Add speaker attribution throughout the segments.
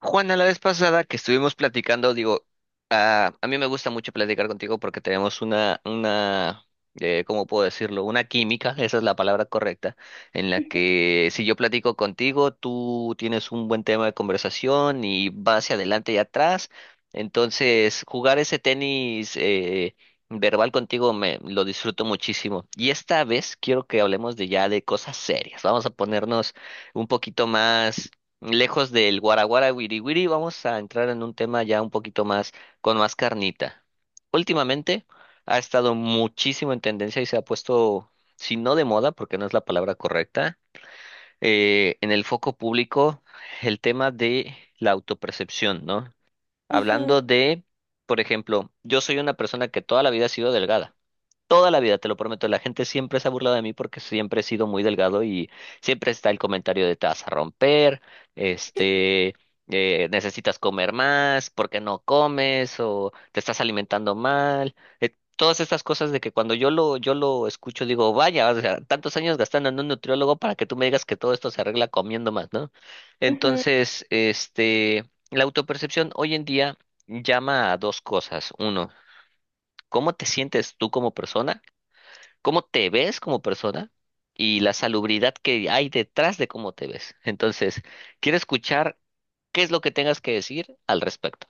Speaker 1: Juana, la vez pasada que estuvimos platicando, digo, a mí me gusta mucho platicar contigo porque tenemos una ¿cómo puedo decirlo? Una química, esa es la palabra correcta, en la que si yo platico contigo, tú tienes un buen tema de conversación y vas hacia adelante y atrás. Entonces, jugar ese tenis verbal contigo me lo disfruto muchísimo. Y esta vez quiero que hablemos de ya de cosas serias. Vamos a ponernos un poquito más lejos del guaraguara wiri wiri, vamos a entrar en un tema ya un poquito más, con más carnita. Últimamente ha estado muchísimo en tendencia y se ha puesto, si no de moda, porque no es la palabra correcta, en el foco público el tema de la autopercepción, ¿no?
Speaker 2: Ujú,
Speaker 1: Hablando de, por ejemplo, yo soy una persona que toda la vida ha sido delgada. Toda la vida, te lo prometo, la gente siempre se ha burlado de mí porque siempre he sido muy delgado y siempre está el comentario de te vas a romper, este, necesitas comer más, ¿por qué no comes? O te estás alimentando mal. eh, Todas estas cosas de que cuando yo lo escucho digo, vaya, o sea, tantos años gastando en un nutriólogo para que tú me digas que todo esto se arregla comiendo más, ¿no?
Speaker 2: ujú.
Speaker 1: Entonces, la autopercepción hoy en día llama a dos cosas. Uno, ¿cómo te sientes tú como persona? ¿Cómo te ves como persona y la salubridad que hay detrás de cómo te ves? Entonces, quiero escuchar qué es lo que tengas que decir al respecto.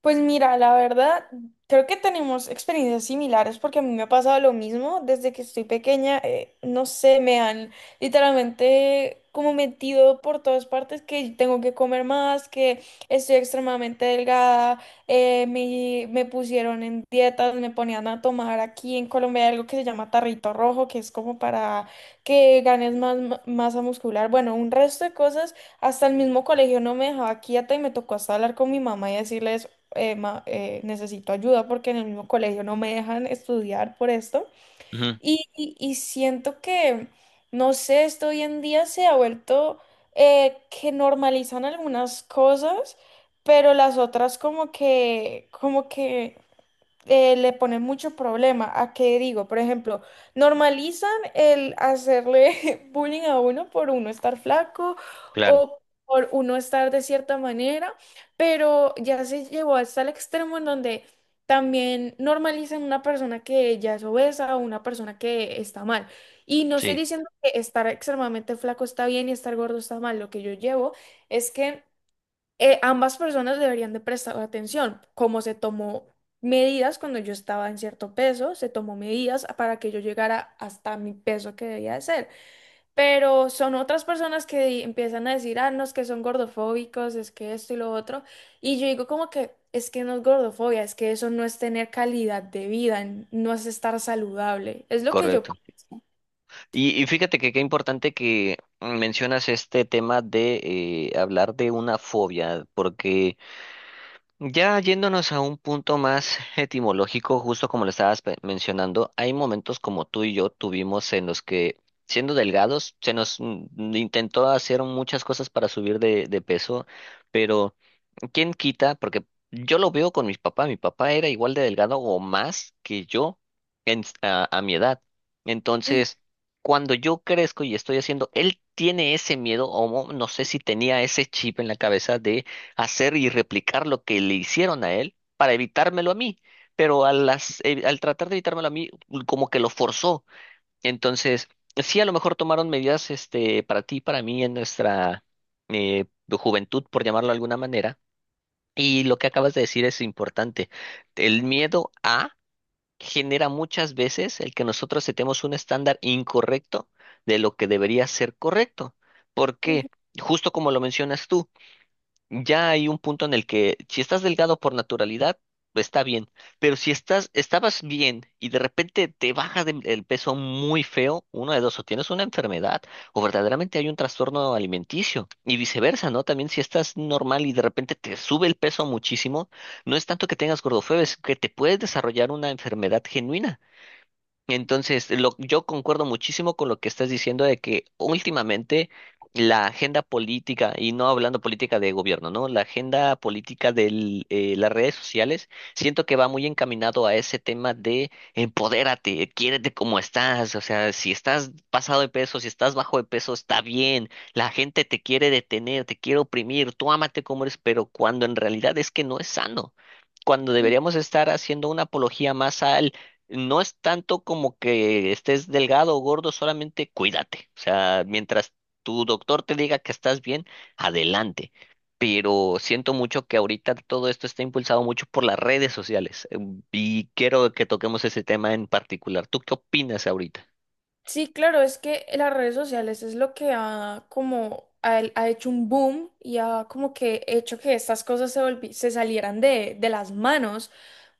Speaker 2: Pues mira, la verdad, creo que tenemos experiencias similares porque a mí me ha pasado lo mismo desde que estoy pequeña. No sé, me han literalmente como metido por todas partes que tengo que comer más, que estoy extremadamente delgada. Me pusieron en dietas, me ponían a tomar aquí en Colombia algo que se llama tarrito rojo, que es como para que ganes más masa muscular. Bueno, un resto de cosas. Hasta el mismo colegio no me dejaba quieta y me tocó hasta hablar con mi mamá y decirle necesito ayuda porque en el mismo colegio no me dejan estudiar por esto.
Speaker 1: Ujú,
Speaker 2: Y siento que, no sé, esto hoy en día se ha vuelto que normalizan algunas cosas, pero las otras como que, como que le ponen mucho problema. ¿A qué digo? Por ejemplo, normalizan el hacerle bullying a uno por uno estar flaco
Speaker 1: claro,
Speaker 2: o por uno estar de cierta manera, pero ya se llevó hasta el extremo en donde también normalizan una persona que ya es obesa o una persona que está mal. Y no estoy
Speaker 1: sí,
Speaker 2: diciendo que estar extremadamente flaco está bien y estar gordo está mal. Lo que yo llevo es que ambas personas deberían de prestar atención, como se tomó medidas cuando yo estaba en cierto peso, se tomó medidas para que yo llegara hasta mi peso que debía de ser. Pero son otras personas que empiezan a decir, ah, no, es que son gordofóbicos, es que esto y lo otro. Y yo digo como que es que no es gordofobia, es que eso no es tener calidad de vida, no es estar saludable. Es lo que yo...
Speaker 1: correcto. Y fíjate que qué importante que mencionas este tema de hablar de una fobia, porque ya yéndonos a un punto más etimológico, justo como lo estabas mencionando, hay momentos como tú y yo tuvimos en los que, siendo delgados, se nos intentó hacer muchas cosas para subir de peso, pero ¿quién quita? Porque yo lo veo con mis papás. Mi papá era igual de delgado o más que yo a mi edad.
Speaker 2: Ujú,
Speaker 1: Entonces, cuando yo crezco y estoy haciendo, él tiene ese miedo, o no sé si tenía ese chip en la cabeza de hacer y replicar lo que le hicieron a él para evitármelo a mí. Pero al tratar de evitármelo a mí, como que lo forzó. Entonces, sí, a lo mejor tomaron medidas este, para ti, para mí, en nuestra eh, juventud, por llamarlo de alguna manera, y lo que acabas de decir es importante. El miedo genera muchas veces el que nosotros setemos un estándar incorrecto de lo que debería ser correcto. ¿Por qué? Justo como lo mencionas tú, ya hay un punto en el que si estás delgado por naturalidad, está bien, pero si estás, estabas bien y de repente te baja el peso muy feo, uno de dos, o tienes una enfermedad o verdaderamente hay un trastorno alimenticio, y viceversa, ¿no? También si estás normal y de repente te sube el peso muchísimo, no es tanto que tengas gordofobia, es que te puedes desarrollar una enfermedad genuina. Entonces, lo, yo concuerdo muchísimo con lo que estás diciendo de que últimamente la agenda política, y no hablando política de gobierno, ¿no? La agenda política de las redes sociales, siento que va muy encaminado a ese tema de empodérate, quiérete como estás, o sea, si estás pasado de peso, si estás bajo de peso, está bien, la gente te quiere detener, te quiere oprimir, tú ámate como eres, pero cuando en realidad es que no es sano. Cuando
Speaker 2: ujú.
Speaker 1: deberíamos estar haciendo una apología más al no es tanto como que estés delgado o gordo, solamente cuídate. O sea, mientras tu doctor te diga que estás bien, adelante. Pero siento mucho que ahorita todo esto está impulsado mucho por las redes sociales. Y quiero que toquemos ese tema en particular. ¿Tú qué opinas ahorita?
Speaker 2: Sí, claro, es que las redes sociales es lo que ha como ha hecho un boom y ha como que hecho que estas cosas se salieran de las manos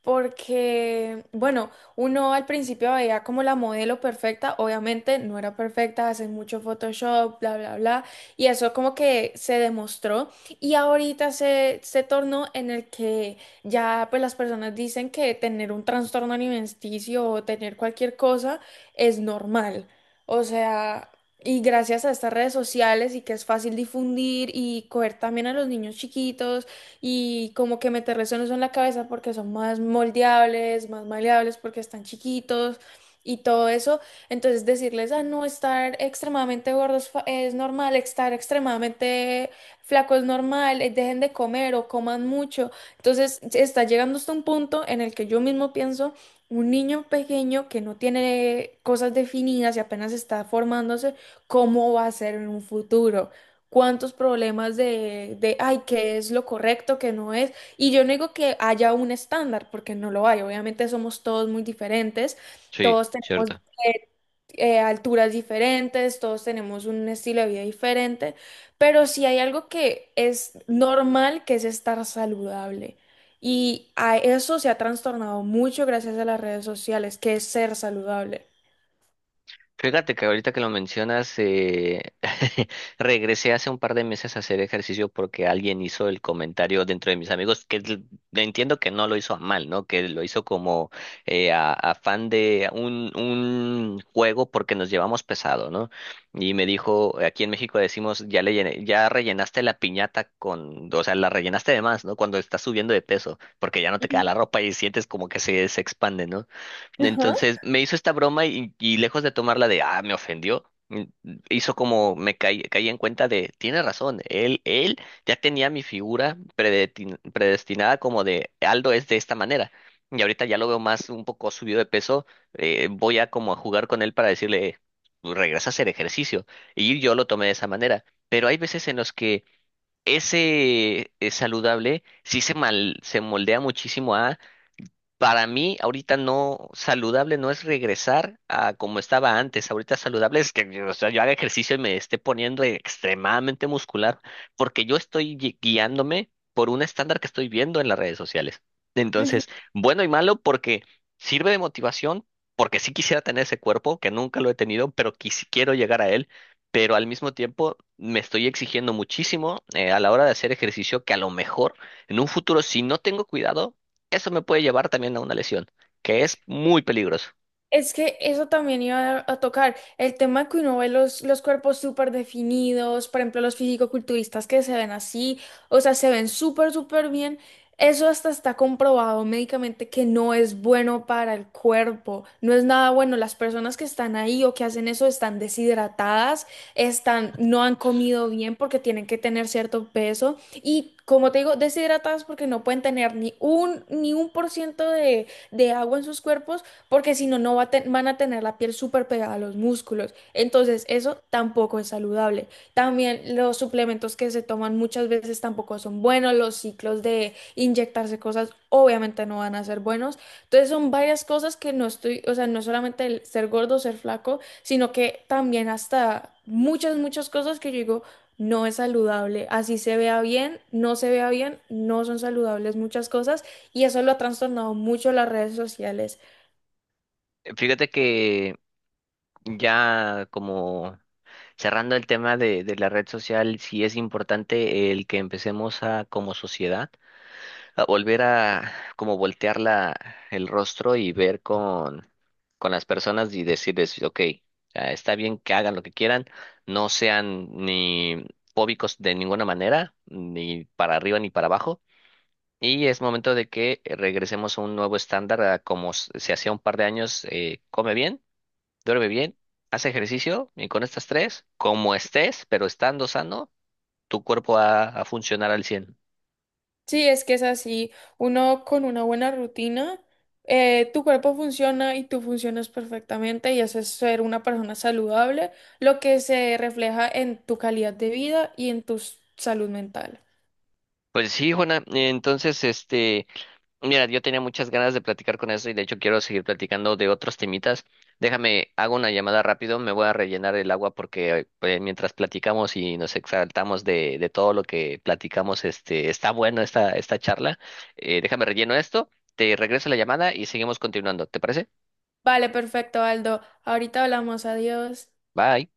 Speaker 2: porque, bueno, uno al principio veía como la modelo perfecta, obviamente no era perfecta, hacen mucho Photoshop, bla, bla, bla, y eso como que se demostró y ahorita se tornó en el que ya pues las personas dicen que tener un trastorno alimenticio o tener cualquier cosa es normal, o sea... Y gracias a estas redes sociales y que es fácil difundir y coger también a los niños chiquitos y como que meter resortes en la cabeza porque son más moldeables, más maleables porque están chiquitos y todo eso. Entonces decirles, ah, no, estar extremadamente gordos es normal, estar extremadamente flaco es normal, dejen de comer o coman mucho. Entonces se está llegando hasta un punto en el que yo mismo pienso, un niño pequeño que no tiene cosas definidas y apenas está formándose, ¿cómo va a ser en un futuro? ¿Cuántos problemas de, ay, qué es lo correcto, qué no es? Y yo no digo que haya un estándar, porque no lo hay. Obviamente somos todos muy diferentes,
Speaker 1: Sí,
Speaker 2: todos tenemos
Speaker 1: cierto.
Speaker 2: alturas diferentes, todos tenemos un estilo de vida diferente, pero si hay algo que es normal, que es estar saludable. Y a eso se ha trastornado mucho gracias a las redes sociales, que es ser saludable.
Speaker 1: Fíjate que ahorita que lo mencionas, regresé hace un par de meses a hacer ejercicio porque alguien hizo el comentario dentro de mis amigos, que entiendo que no lo hizo a mal, ¿no? Que lo hizo como a fan de un juego porque nos llevamos pesado, ¿no? Y me dijo, aquí en México decimos, ya ya rellenaste la piñata con, o sea, la rellenaste de más, ¿no? Cuando estás subiendo de peso, porque ya no te queda
Speaker 2: Ujú.
Speaker 1: la ropa y sientes como que se expande, ¿no? Entonces me hizo esta broma y lejos de tomarla de, ah, me ofendió, hizo como me caí, caí en cuenta de, tiene razón, él ya tenía mi figura predestinada como de, Aldo es de esta manera. Y ahorita ya lo veo más un poco subido de peso, voy a jugar con él para decirle, tú regresa a hacer ejercicio." Y yo lo tomé de esa manera. Pero hay veces en los que ese saludable sí se moldea muchísimo a... Para mí, ahorita no, saludable no es regresar a como estaba antes. Ahorita saludable es que yo, o sea, yo haga ejercicio y me esté poniendo extremadamente muscular, porque yo estoy guiándome por un estándar que estoy viendo en las redes sociales. Entonces, bueno y malo porque sirve de motivación, porque sí quisiera tener ese cuerpo, que nunca lo he tenido, pero quiero llegar a él, pero al mismo tiempo me estoy exigiendo muchísimo a la hora de hacer ejercicio que a lo mejor en un futuro, si no tengo cuidado, eso me puede llevar también a una lesión, que es muy peligroso.
Speaker 2: Es que eso también iba a, tocar. El tema que uno ve los cuerpos súper definidos, por ejemplo, los fisicoculturistas que se ven así, o sea, se ven súper, súper bien. Eso hasta está comprobado médicamente que no es bueno para el cuerpo, no es nada bueno. Las personas que están ahí o que hacen eso están deshidratadas, están, no han comido bien porque tienen que tener cierto peso y, como te digo, deshidratadas porque no pueden tener ni un por ciento de agua en sus cuerpos porque si no, van a tener la piel súper pegada a los músculos. Entonces, eso tampoco es saludable. También los suplementos que se toman muchas veces tampoco son buenos, los ciclos de inyectarse cosas obviamente no van a ser buenos. Entonces, son varias cosas que no estoy, o sea, no es solamente el ser gordo, ser flaco, sino que también hasta muchas, muchas cosas que yo digo. No es saludable, así se vea bien, no se vea bien, no son saludables muchas cosas y eso lo ha trastornado mucho las redes sociales.
Speaker 1: Fíjate que ya como cerrando el tema de la red social, sí es importante el que empecemos a, como sociedad, a volver a como voltear el rostro y ver con las personas y decirles, ok, ah, está bien que hagan lo que quieran, no sean ni fóbicos de ninguna manera, ni para arriba ni para abajo. Y es momento de que regresemos a un nuevo estándar, a como se hacía un par de años, come bien, duerme bien, haz ejercicio y con estas tres, como estés, pero estando sano, tu cuerpo va a funcionar al cien.
Speaker 2: Sí, es que es así. Uno con una buena rutina, tu cuerpo funciona y tú funcionas perfectamente y haces ser una persona saludable, lo que se refleja en tu calidad de vida y en tu salud mental.
Speaker 1: Pues sí, Juana, entonces, este... Mira, yo tenía muchas ganas de platicar con eso y de hecho quiero seguir platicando de otros temitas. Déjame, hago una llamada rápido, me voy a rellenar el agua porque pues, mientras platicamos y nos exaltamos de todo lo que platicamos, este, está bueno esta charla. Déjame relleno esto, te regreso la llamada y seguimos continuando. ¿Te parece?
Speaker 2: Vale, perfecto, Aldo. Ahorita hablamos. Adiós.
Speaker 1: Bye.